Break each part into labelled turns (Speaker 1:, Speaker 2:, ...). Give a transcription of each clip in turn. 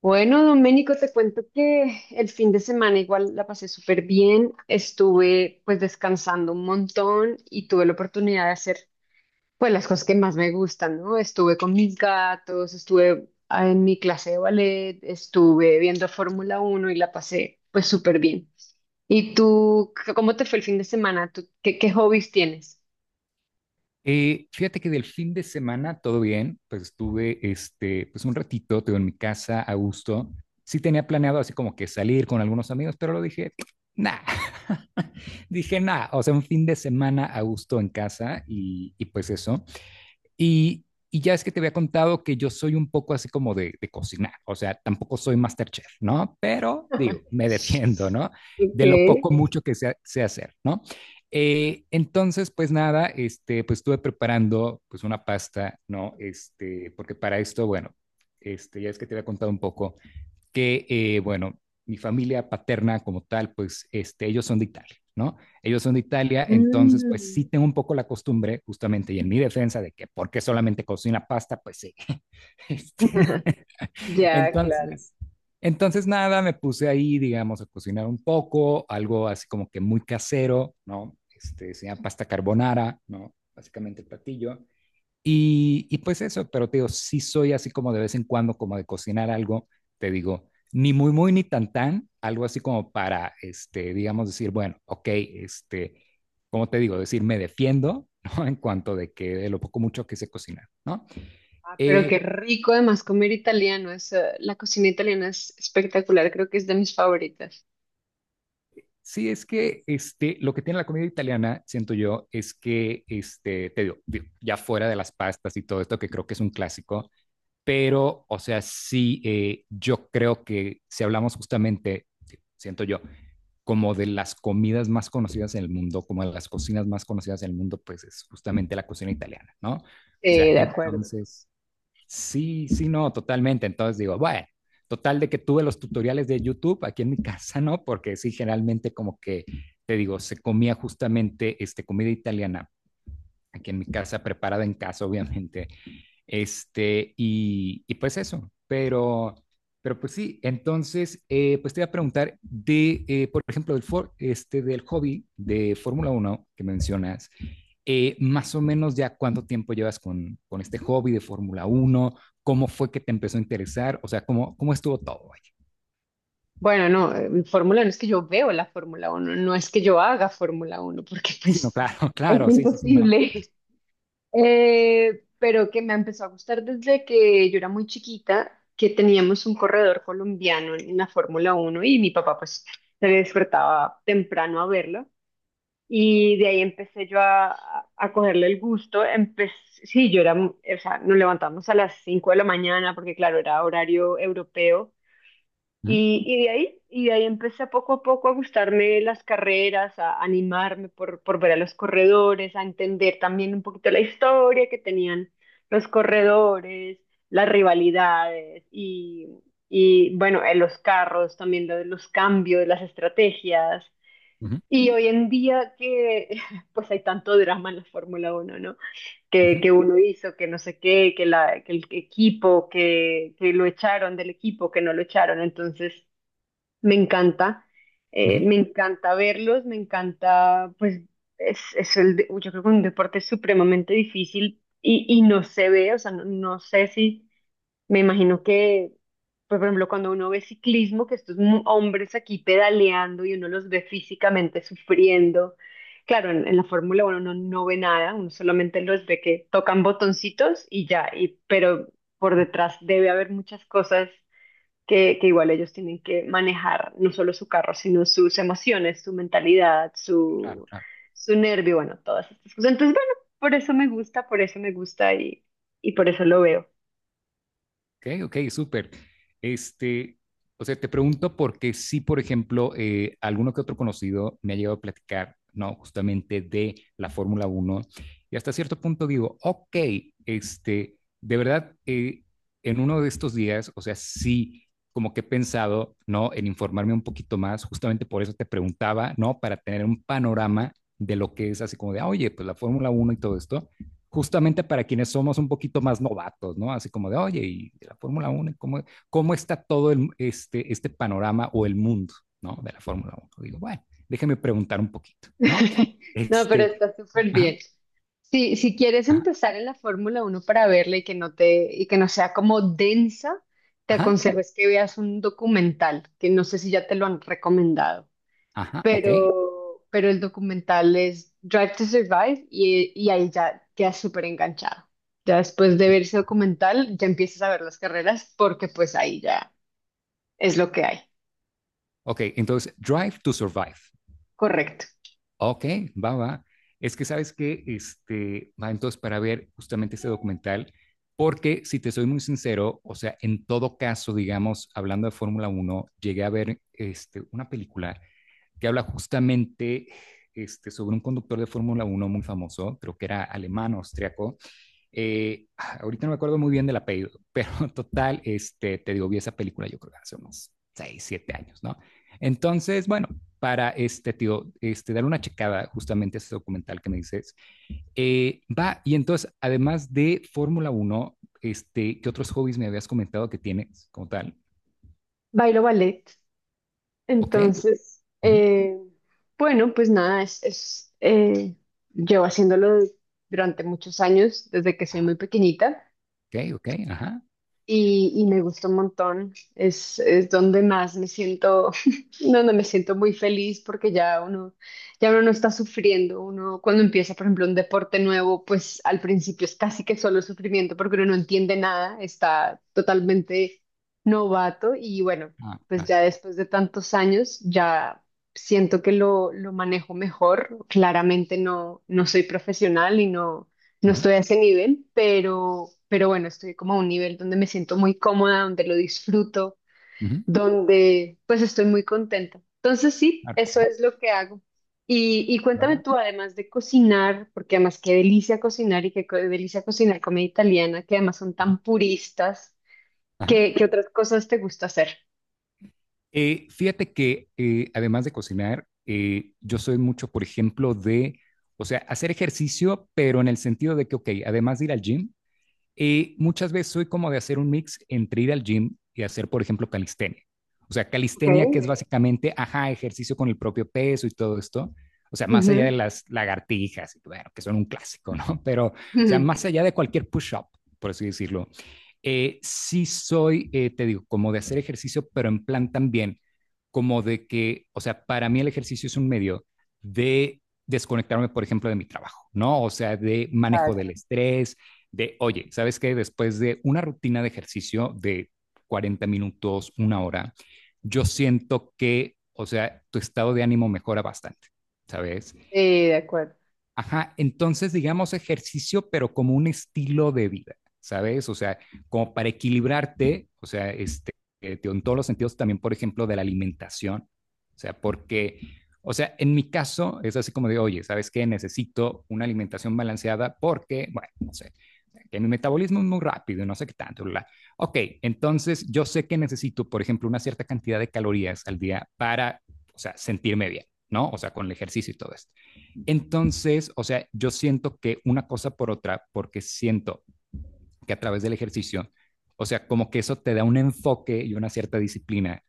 Speaker 1: Bueno, Doménico, te cuento que el fin de semana igual la pasé súper bien, estuve pues descansando un montón y tuve la oportunidad de hacer pues las cosas que más me gustan, ¿no? Estuve con mis gatos, estuve en mi clase de ballet, estuve viendo Fórmula Uno y la pasé pues súper bien. ¿Y tú, cómo te fue el fin de semana? ¿Tú, qué hobbies tienes?
Speaker 2: Fíjate que del fin de semana todo bien, pues estuve pues un ratito, tengo en mi casa a gusto. Sí tenía planeado así como que salir con algunos amigos, pero lo dije, nah, dije nah, o sea, un fin de semana a gusto en casa y pues eso. Y, y ya es que te había contado que yo soy un poco así como de cocinar, o sea, tampoco soy masterchef, ¿no? Pero digo, me defiendo, ¿no?
Speaker 1: Ok.
Speaker 2: De lo poco, mucho que sé, sé hacer, ¿no? Entonces, pues nada, pues estuve preparando pues una pasta, ¿no? Este, porque para esto, bueno, ya es que te había contado un poco que, bueno, mi familia paterna como tal, pues ellos son de Italia, ¿no? Ellos son de Italia, entonces pues
Speaker 1: Mm,
Speaker 2: sí tengo un poco la costumbre justamente y en mi defensa de que porque solamente cocina pasta, pues sí. Este,
Speaker 1: ya, claro.
Speaker 2: entonces, entonces nada, me puse ahí, digamos, a cocinar un poco, algo así como que muy casero, ¿no? Este, se llama pasta carbonara, ¿no? Básicamente el platillo. Y pues eso, pero te digo, sí soy así como de vez en cuando, como de cocinar algo, te digo, ni muy, muy, ni tan, tan, algo así como para, este, digamos, decir, bueno, ok, este, como te digo, decir, me defiendo, ¿no? En cuanto de que de lo poco mucho que sé cocinar, ¿no?
Speaker 1: Ah, pero qué
Speaker 2: Eh,
Speaker 1: rico además comer italiano. La cocina italiana es espectacular, creo que es de mis favoritas.
Speaker 2: sí, es que, este, lo que tiene la comida italiana, siento yo, es que, este, te digo, digo, ya fuera de las pastas y todo esto, que creo que es un clásico, pero, o sea, sí, yo creo que si hablamos justamente, siento yo, como de las comidas más conocidas en el mundo, como de las cocinas más conocidas en el mundo, pues es justamente la cocina italiana, ¿no? O sea,
Speaker 1: De acuerdo.
Speaker 2: entonces, sí, sí, no, totalmente. Entonces digo, bueno, total de que tuve los tutoriales de YouTube aquí en mi casa, ¿no? Porque sí, generalmente como que, te digo, se comía justamente comida italiana aquí en mi casa, preparada en casa, obviamente. Este, y pues eso, pero pues sí, entonces, pues te voy a preguntar de, por ejemplo, este, del hobby de Fórmula Uno que mencionas, más o menos ya cuánto tiempo llevas con este hobby de Fórmula Uno, cómo fue que te empezó a interesar, o sea, cómo, cómo estuvo todo, vaya.
Speaker 1: Bueno, no, Fórmula uno. Es que yo veo la Fórmula uno. No es que yo haga Fórmula uno, porque
Speaker 2: Sí, no,
Speaker 1: pues
Speaker 2: claro,
Speaker 1: es
Speaker 2: claro, sí, sí, sí, no.
Speaker 1: imposible. Pero que me empezó a gustar desde que yo era muy chiquita, que teníamos un corredor colombiano en la Fórmula uno y mi papá pues se despertaba temprano a verlo. Y de ahí empecé yo a cogerle el gusto. Empecé, sí, yo era, o sea, nos levantamos a las 5 de la mañana porque, claro, era horario europeo.
Speaker 2: Ujú,
Speaker 1: Y de ahí empecé poco a poco a gustarme las carreras, a animarme por ver a los corredores, a entender también un poquito la historia que tenían los corredores, las rivalidades y bueno, los carros, también lo de los cambios, las estrategias.
Speaker 2: ujú,
Speaker 1: Y hoy en día que pues hay tanto drama en la Fórmula uno, ¿no?
Speaker 2: ujú,
Speaker 1: Que uno hizo, que no sé qué, que el equipo, que lo echaron del equipo, que no lo echaron. Entonces, me encanta,
Speaker 2: ujú,
Speaker 1: me encanta verlos, me encanta, pues es, yo creo que un deporte supremamente difícil y no se ve, o sea, no, no sé si me imagino que, pues, por ejemplo, cuando uno ve ciclismo, que estos hombres aquí pedaleando y uno los ve físicamente sufriendo. Claro, en la Fórmula 1 uno no ve nada, uno solamente los ve que tocan botoncitos y ya, y, pero por detrás debe haber muchas cosas que igual ellos tienen que manejar, no solo su carro, sino sus emociones, su mentalidad,
Speaker 2: claro,
Speaker 1: su,
Speaker 2: claro.
Speaker 1: su nervio, bueno, todas estas cosas. Entonces, bueno, por eso me gusta, por eso me gusta y por eso lo veo.
Speaker 2: Ok, ok, súper. Este, o sea, te pregunto porque sí, por ejemplo, alguno que otro conocido me ha llegado a platicar, ¿no? Justamente de la Fórmula Uno y hasta cierto punto digo, ok, este, de verdad, en uno de estos días, o sea, sí, como que he pensado, ¿no? En informarme un poquito más, justamente por eso te preguntaba, ¿no? Para tener un panorama de lo que es así como de, ah, oye, pues la Fórmula Uno y todo esto justamente para quienes somos un poquito más novatos, ¿no? Así como de, oye, ¿y de la Fórmula Uno, ¿cómo, cómo está todo el, este panorama o el mundo, ¿no? De la Fórmula Uno. Digo, bueno, déjeme preguntar un poquito, ¿no?
Speaker 1: No, pero
Speaker 2: Este,
Speaker 1: está súper
Speaker 2: ajá,
Speaker 1: bien. Si, si quieres
Speaker 2: ajá,
Speaker 1: empezar en la Fórmula uno para verla y que no te, y que no sea como densa, te
Speaker 2: ajá,
Speaker 1: aconsejo es que veas un documental, que no sé si ya te lo han recomendado,
Speaker 2: ajá, ok,
Speaker 1: pero el documental es Drive to Survive y ahí ya quedas súper enganchado. Ya después de ver ese documental, ya empiezas a ver las carreras porque pues ahí ya es lo que hay.
Speaker 2: ok. Entonces, Drive to Survive.
Speaker 1: Correcto.
Speaker 2: Ok, va, va. Es que sabes que, este, va entonces para ver justamente este documental, porque si te soy muy sincero, o sea, en todo caso, digamos, hablando de Fórmula uno, llegué a ver una película que habla justamente sobre un conductor de Fórmula uno muy famoso, creo que era alemán, austriaco, ahorita no me acuerdo muy bien del apellido, pero total, este, te digo, vi esa película yo creo que hace unos 6 o 7 años, ¿no? Entonces, bueno, para este tío, este, dar una checada justamente a ese documental que me dices, va, y entonces, además de Fórmula uno, este, ¿qué otros hobbies me habías comentado que tienes como tal?
Speaker 1: Bailo ballet.
Speaker 2: Ok,
Speaker 1: Entonces,
Speaker 2: ujú,
Speaker 1: bueno, pues nada, llevo haciéndolo durante muchos años, desde que soy
Speaker 2: ajá,
Speaker 1: muy pequeñita
Speaker 2: ok, ok, ajá,
Speaker 1: y me gusta un montón. Es donde más me siento, donde me siento muy feliz porque ya uno no está sufriendo. Uno cuando empieza, por ejemplo, un deporte nuevo, pues al principio es casi que solo sufrimiento porque uno no entiende nada, está totalmente novato y bueno,
Speaker 2: ah,
Speaker 1: pues
Speaker 2: claro,
Speaker 1: ya después de tantos años ya siento que lo manejo mejor. Claramente no, no soy profesional y no
Speaker 2: ujú,
Speaker 1: estoy a ese nivel, pero bueno, estoy como a un nivel donde me siento muy cómoda, donde lo disfruto,
Speaker 2: ujú,
Speaker 1: donde pues estoy muy contenta. Entonces sí,
Speaker 2: claro,
Speaker 1: eso
Speaker 2: ujú,
Speaker 1: es lo que hago. Y
Speaker 2: va,
Speaker 1: cuéntame
Speaker 2: va,
Speaker 1: tú, además de cocinar, porque además qué delicia cocinar y delicia cocinar comida italiana, que además son
Speaker 2: ujú,
Speaker 1: tan puristas,
Speaker 2: ajá.
Speaker 1: qué otras cosas te gusta hacer?
Speaker 2: Fíjate que además de cocinar, yo soy mucho, por ejemplo, o sea, hacer ejercicio, pero en el sentido de que, ok, además de ir al gym, muchas veces soy como de hacer un mix entre ir al gym y hacer, por ejemplo, calistenia. O sea,
Speaker 1: Ok.
Speaker 2: calistenia que es básicamente, ajá, ejercicio con el propio peso y todo esto. O sea, más allá de
Speaker 1: Ujú,
Speaker 2: las lagartijas, bueno, que son un clásico, ¿no? Pero, o sea,
Speaker 1: ujú.
Speaker 2: más allá de cualquier push-up, por así decirlo, sí soy, te digo, como de hacer ejercicio, pero en plan también, como de que, o sea, para mí el ejercicio es un medio de desconectarme, por ejemplo, de mi trabajo, ¿no? O sea, de manejo
Speaker 1: Claro.
Speaker 2: del estrés, de, oye, ¿sabes qué? Después de una rutina de ejercicio de 40 minutos, una hora, yo siento que, o sea, tu estado de ánimo mejora bastante, ¿sabes?
Speaker 1: Sí, de acuerdo.
Speaker 2: Ajá, entonces digamos ejercicio, pero como un estilo de vida, ¿sabes? O sea, como para equilibrarte, o sea, este, tío, en todos los sentidos también, por ejemplo, de la alimentación, o sea, porque, o sea, en mi caso es así como de, oye, ¿sabes qué? Necesito una alimentación balanceada porque, bueno, no sé, que mi metabolismo es muy rápido, no sé qué tanto, bla. Ok, entonces yo sé que necesito, por ejemplo, una cierta cantidad de calorías al día para, o sea, sentirme bien, ¿no? O sea, con el ejercicio y todo eso. Entonces, o sea, yo siento que una cosa por otra, porque siento que a través del ejercicio, o sea, como que eso te da un enfoque y una cierta disciplina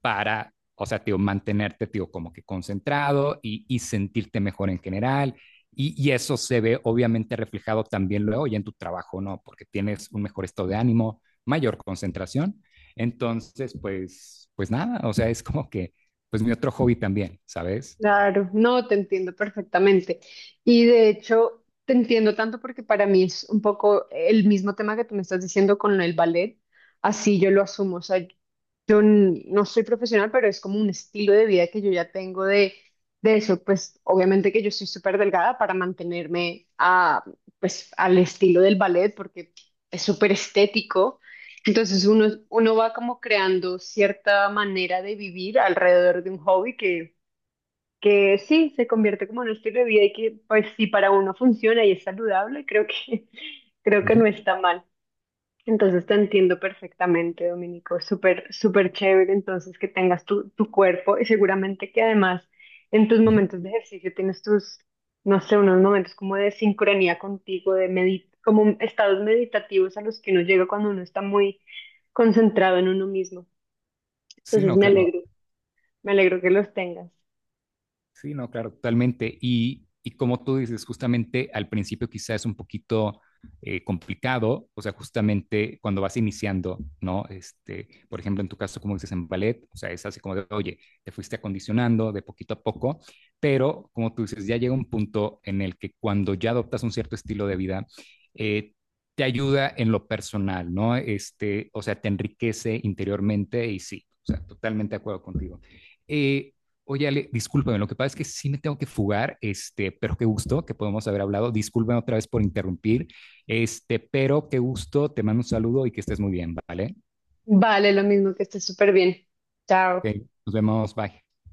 Speaker 2: para, o sea, tío, mantenerte, tío, como que concentrado y sentirte mejor en general. Eso se ve obviamente reflejado también luego ya en tu trabajo, ¿no? Porque tienes un mejor estado de ánimo, mayor concentración. Entonces, pues, pues nada, o sea, es como que, pues mi otro hobby también, ¿sabes?
Speaker 1: Claro, no, te entiendo perfectamente. Y de hecho, te entiendo tanto porque para mí es un poco el mismo tema que tú me estás diciendo con el ballet, así yo lo asumo. O sea, yo no soy profesional, pero es como un estilo de vida que yo ya tengo de eso. Pues obviamente que yo soy súper delgada para mantenerme a, pues, al estilo del ballet porque es súper estético. Entonces uno, uno va como creando cierta manera de vivir alrededor de un hobby que sí, se convierte como en un estilo de vida y que pues si para uno funciona y es saludable, creo que, creo
Speaker 2: Uh
Speaker 1: que
Speaker 2: -huh,
Speaker 1: no está mal. Entonces te entiendo perfectamente, Dominico, súper, súper chévere entonces que tengas tu, tu cuerpo y seguramente que además en tus
Speaker 2: uh -huh.
Speaker 1: momentos de ejercicio tienes tus, no sé, unos momentos como de sincronía contigo, como estados meditativos a los que uno llega cuando uno está muy concentrado en uno mismo.
Speaker 2: Sí,
Speaker 1: Entonces
Speaker 2: no, claro.
Speaker 1: me alegro que los tengas.
Speaker 2: Sí, no, claro, totalmente. Y como tú dices, justamente al principio quizás es un poquito complicado, o sea, justamente cuando vas iniciando, ¿no? Este, por ejemplo, en tu caso, como dices en ballet, o sea, es así como de, oye, te fuiste acondicionando de poquito a poco, pero como tú dices, ya llega un punto en el que cuando ya adoptas un cierto estilo de vida, eh, te ayuda en lo personal, ¿no? Este, o sea, te enriquece interiormente y sí, o sea, totalmente de acuerdo contigo. Eh, Oye, Ale, discúlpame, lo que pasa es que sí me tengo que fugar, este, pero qué gusto que podemos haber hablado. Discúlpame otra vez por interrumpir, este, pero qué gusto, te mando un saludo y que estés muy bien, ¿vale?
Speaker 1: Vale, lo mismo que esté súper bien. Chao.
Speaker 2: Ok, nos vemos, bye.